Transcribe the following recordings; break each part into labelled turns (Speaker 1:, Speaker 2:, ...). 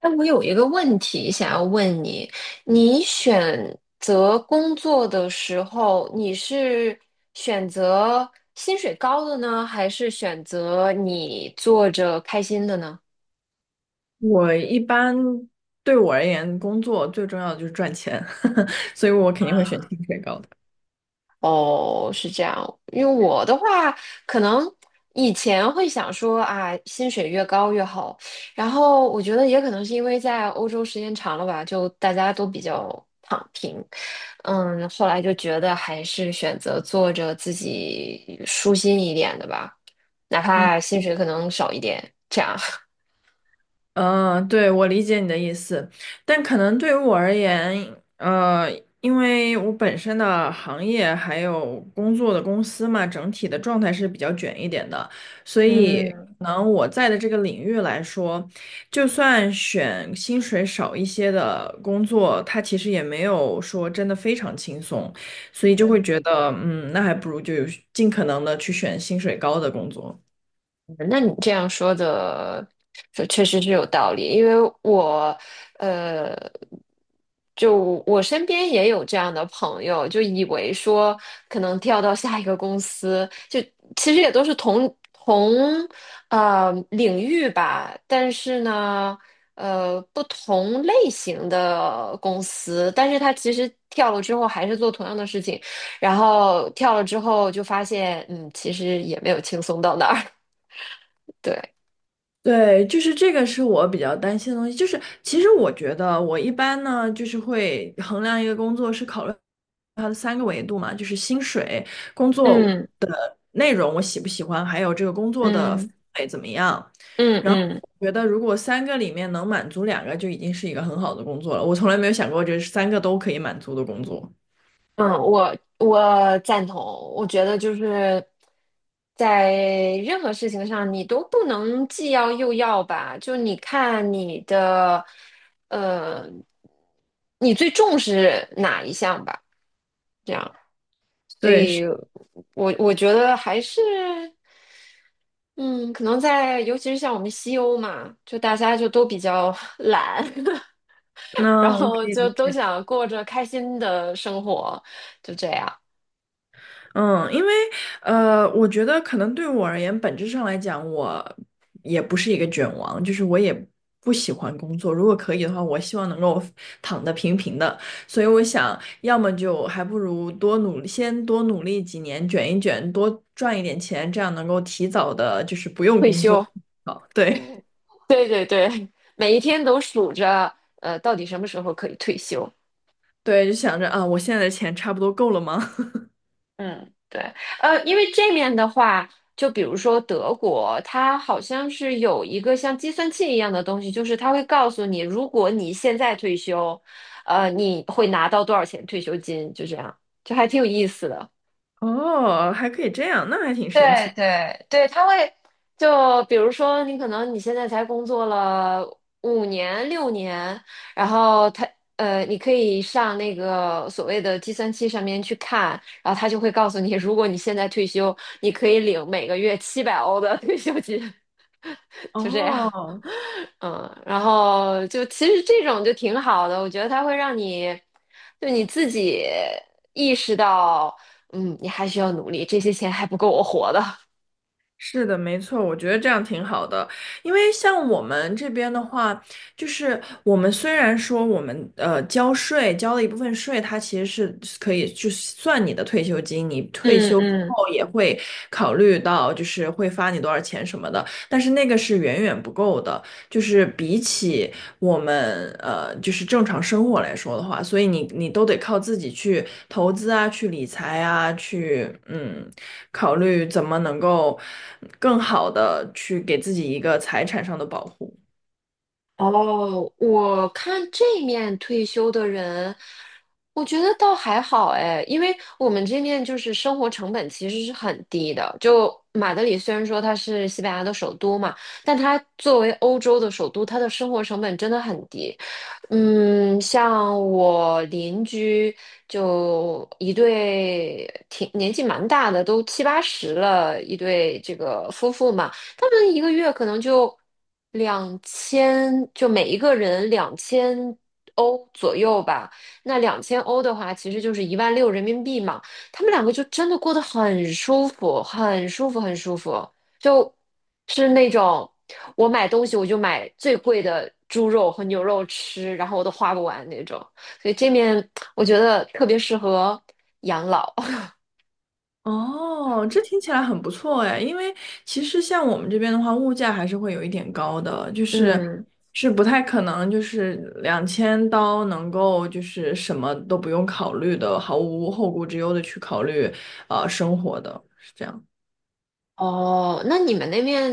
Speaker 1: 哎，我有一个问题想要问你，你选择工作的时候，你是选择薪水高的呢，还是选择你做着开心的呢？
Speaker 2: 我一般对我而言，工作最重要的就是赚钱，所以我肯定会选薪水高的。
Speaker 1: 哦，是这样。因为我的话，可能以前会想说啊，薪水越高越好。然后我觉得也可能是因为在欧洲时间长了吧，就大家都比较躺平。嗯，后来就觉得还是选择做着自己舒心一点的吧，哪怕薪水可能少一点，这样。
Speaker 2: 嗯，对，我理解你的意思，但可能对于我而言，因为我本身的行业还有工作的公司嘛，整体的状态是比较卷一点的，所 以
Speaker 1: 嗯。
Speaker 2: 可能我在的这个领域来说，就算选薪水少一些的工作，它其实也没有说真的非常轻松，所以就会觉得，那还不如就尽可能的去选薪水高的工作。
Speaker 1: 那你这样说的，说确实是有道理，因为我，呃，就我身边也有这样的朋友，就以为说可能跳到下一个公司，就其实也都是同领域吧，但是呢，不同类型的公司，但是他其实跳了之后还是做同样的事情，然后跳了之后就发现，其实也没有轻松到哪儿，对。
Speaker 2: 对，就是这个是我比较担心的东西。就是其实我觉得我一般呢，就是会衡量一个工作是考虑它的三个维度嘛，就是薪水、工作
Speaker 1: 嗯
Speaker 2: 的内容我喜不喜欢，还有这个工作的氛
Speaker 1: 嗯
Speaker 2: 围怎么样。
Speaker 1: 嗯
Speaker 2: 然后
Speaker 1: 嗯
Speaker 2: 我觉得如果三个里面能满足两个，就已经是一个很好的工作了。我从来没有想过这是三个都可以满足的工作。
Speaker 1: 嗯，我赞同。我觉得就是在任何事情上，你都不能既要又要吧。就你看你的，呃，你最重视哪一项吧？这样，所
Speaker 2: 对，是，
Speaker 1: 以我觉得还是，嗯，可能在尤其是像我们西欧嘛，就大家就都比较 懒。然
Speaker 2: 那我可
Speaker 1: 后
Speaker 2: 以理
Speaker 1: 就都
Speaker 2: 解。
Speaker 1: 想过着开心的生活，就这样
Speaker 2: 嗯，因为我觉得可能对我而言，本质上来讲，我也不是一个卷王，就是我也不喜欢工作。如果可以的话，我希望能够躺得平平的。所以我想，要么就还不如多努力先多努力几年，卷一卷，多赚一点钱，这样能够提早的，就是不用
Speaker 1: 退
Speaker 2: 工作。
Speaker 1: 休。
Speaker 2: 好，对
Speaker 1: 对对对，每一天都数着，到底什么时候可以退休？
Speaker 2: 对，就想着啊，我现在的钱差不多够了吗？
Speaker 1: 嗯，对，因为这面的话，就比如说德国，它好像是有一个像计算器一样的东西，就是它会告诉你，如果你现在退休，你会拿到多少钱退休金，就这样，就还挺有意思的。
Speaker 2: 哦，还可以这样，那还挺神奇
Speaker 1: 对
Speaker 2: 的。
Speaker 1: 对对，他会就比如说，你可能你现在才工作了5年6年，然后你可以上那个所谓的计算器上面去看，然后他就会告诉你，如果你现在退休，你可以领每个月700欧的 退休金，就这样。
Speaker 2: 哦，
Speaker 1: 嗯，然后就其实这种就挺好的，我觉得它会让你就你自己意识到，你还需要努力，这些钱还不够我活的。
Speaker 2: 是的，没错，我觉得这样挺好的，因为像我们这边的话，就是我们虽然说我们交税交了一部分税，它其实是可以就算你的退休金，你退
Speaker 1: 嗯
Speaker 2: 休之
Speaker 1: 嗯，
Speaker 2: 后也会考虑到就是会发你多少钱什么的，但是那个是远远不够的。就是比起我们就是正常生活来说的话，所以你都得靠自己去投资啊，去理财啊，去考虑怎么能够更好的去给自己一个财产上的保护。
Speaker 1: 哦，我看这面退休的人，我觉得倒还好哎，因为我们这面就是生活成本其实是很低的。就马德里虽然说它是西班牙的首都嘛，但它作为欧洲的首都，它的生活成本真的很低。嗯，像我邻居就一对挺年纪蛮大的，都七八十了，一对这个夫妇嘛。他们一个月可能就两千，就每一个人两千欧左右吧。那两千欧的话，其实就是一万六人民币嘛。他们两个就真的过得很舒服，很舒服，很舒服，就是那种我买东西我就买最贵的猪肉和牛肉吃，然后我都花不完那种。所以这面我觉得特别适合养老。
Speaker 2: 哦，这听起来很不错哎，因为其实像我们这边的话，物价还是会有一点高的，就 是
Speaker 1: 嗯
Speaker 2: 是不太可能就是2000刀能够就是什么都不用考虑的，毫无后顾之忧的去考虑生活的，是这样。
Speaker 1: 哦，那你们那边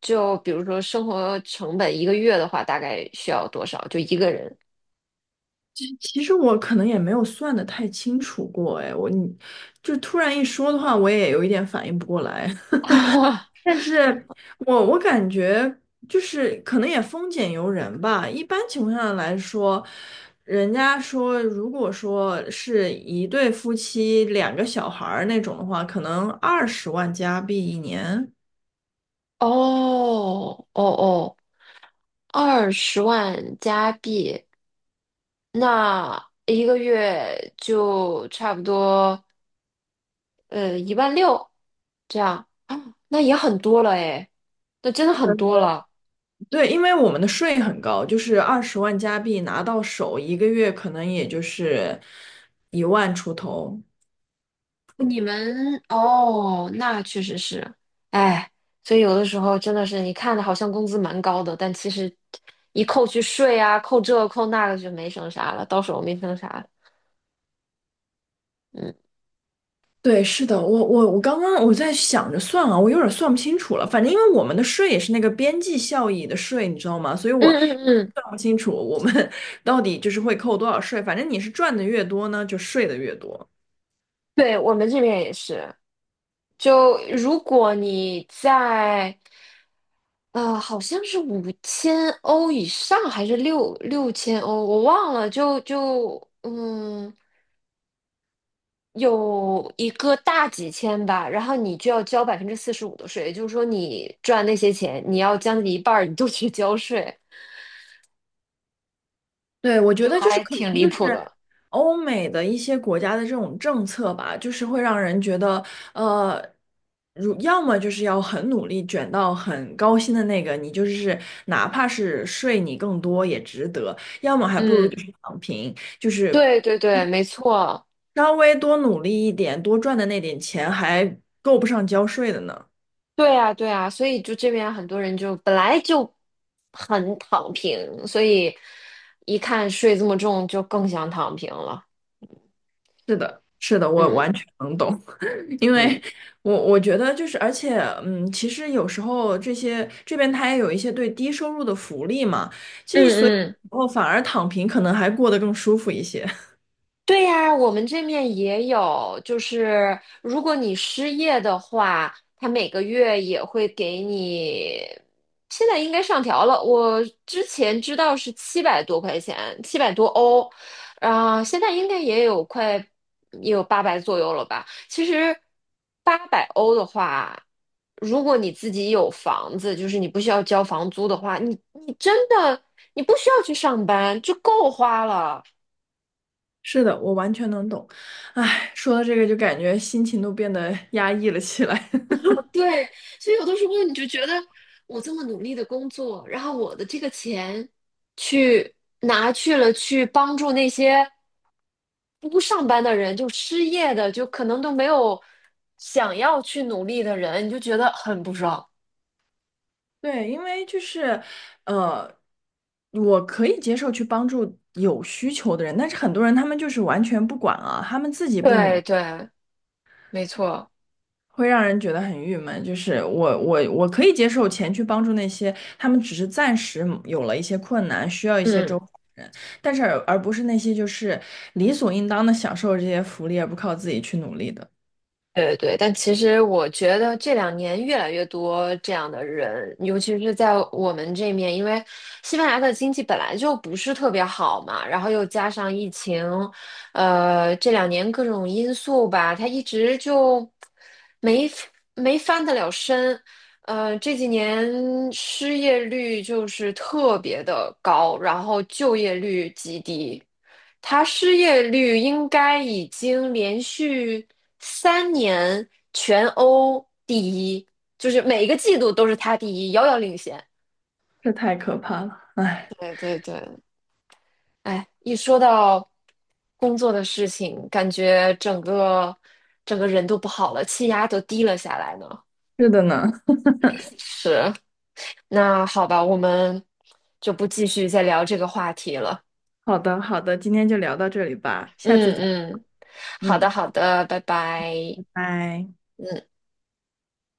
Speaker 1: 就比如说生活成本一个月的话，大概需要多少？就一个人？
Speaker 2: 其实我可能也没有算的太清楚过哎，你就突然一说的话，我也有一点反应不过来。但是我感觉就是可能也丰俭由人吧。一般情况下来说，人家说如果说是一对夫妻两个小孩儿那种的话，可能二十万加币一年。
Speaker 1: 哦哦哦，20万加币，那一个月就差不多一万六这样啊，那也很多了诶，那真的很多了。
Speaker 2: 对，因为我们的税很高，就是二十万加币拿到手，一个月可能也就是1万出头。
Speaker 1: 你们哦，那确实是，哎，所以有的时候真的是，你看的好像工资蛮高的，但其实一扣去税啊，扣这扣那个就没剩啥了，到手没剩啥了嗯
Speaker 2: 对，是的，我刚刚在想着算啊，我有点算不清楚了。反正因为我们的税也是那个边际效益的税，你知道吗？所以
Speaker 1: 嗯
Speaker 2: 我
Speaker 1: 嗯嗯，
Speaker 2: 算不清楚我们 到底就是会扣多少税。反正你是赚的越多呢，就税的越多。
Speaker 1: 对，我们这边也是。就如果你在，好像是5000欧以上还是六千欧，我忘了。就有一个大几千吧，然后你就要交45%的税，也就是说你赚那些钱，你要将近一半儿你都去交税，
Speaker 2: 对，我觉
Speaker 1: 就
Speaker 2: 得就是
Speaker 1: 还
Speaker 2: 可能
Speaker 1: 挺离
Speaker 2: 就
Speaker 1: 谱
Speaker 2: 是
Speaker 1: 的。
Speaker 2: 欧美的一些国家的这种政策吧，就是会让人觉得，呃，要么就是要很努力卷到很高薪的那个，你就是哪怕是税你更多也值得；要么还不如就
Speaker 1: 嗯，
Speaker 2: 是躺平，就是
Speaker 1: 对对对，没错，
Speaker 2: 稍微多努力一点，多赚的那点钱还够不上交税的呢。
Speaker 1: 对啊对啊，所以就这边很多人就本来就很躺平，所以一看税这么重，就更想躺平了。
Speaker 2: 是的，是的，我
Speaker 1: 嗯
Speaker 2: 完全能懂。因为
Speaker 1: 嗯
Speaker 2: 我觉得就是，而且其实有时候这些这边他也有一些对低收入的福利嘛，其实所以
Speaker 1: 嗯嗯。
Speaker 2: 哦，反而躺平可能还过得更舒服一些。
Speaker 1: 对呀，我们这面也有，就是如果你失业的话，他每个月也会给你，现在应该上调了，我之前知道是700多块钱，700多欧，啊、现在应该也有八百左右了吧？其实800欧的话，如果你自己有房子，就是你不需要交房租的话，你真的你不需要去上班，就够花了。
Speaker 2: 是的，我完全能懂。唉，说到这个就感觉心情都变得 压抑了起来。
Speaker 1: 对，所以有的时候你就觉得我这么努力的工作，然后我的这个钱去拿去了去帮助那些不上班的人，就失业的，就可能都没有想要去努力的人，你就觉得很不爽。
Speaker 2: 对，因为就是，呃，我可以接受去帮助有需求的人，但是很多人他们就是完全不管啊，他们自己不努
Speaker 1: 对
Speaker 2: 力，
Speaker 1: 对，没错，
Speaker 2: 会让人觉得很郁闷，就是我可以接受钱去帮助那些他们只是暂时有了一些困难，需要一些
Speaker 1: 嗯。
Speaker 2: 周的人，但是而不是那些就是理所应当的享受这些福利而不靠自己去努力的，
Speaker 1: 对对，但其实我觉得这两年越来越多这样的人，尤其是在我们这面，因为西班牙的经济本来就不是特别好嘛，然后又加上疫情，这两年各种因素吧，它一直就没没翻得了身，这几年失业率就是特别的高，然后就业率极低。他失业率应该已经连续3年全欧第一，就是每一个季度都是他第一，遥遥领先。
Speaker 2: 这太可怕了。哎，
Speaker 1: 对对对，哎，一说到工作的事情，感觉整个人都不好了，气压都低了下来呢。
Speaker 2: 是的呢。
Speaker 1: 是，那好吧，我们就不继续再聊这个话题了。
Speaker 2: 好的好的，今天就聊到这里吧，下次再，
Speaker 1: 嗯嗯，好的
Speaker 2: 嗯，
Speaker 1: 好的，拜拜。
Speaker 2: 拜拜。
Speaker 1: 嗯。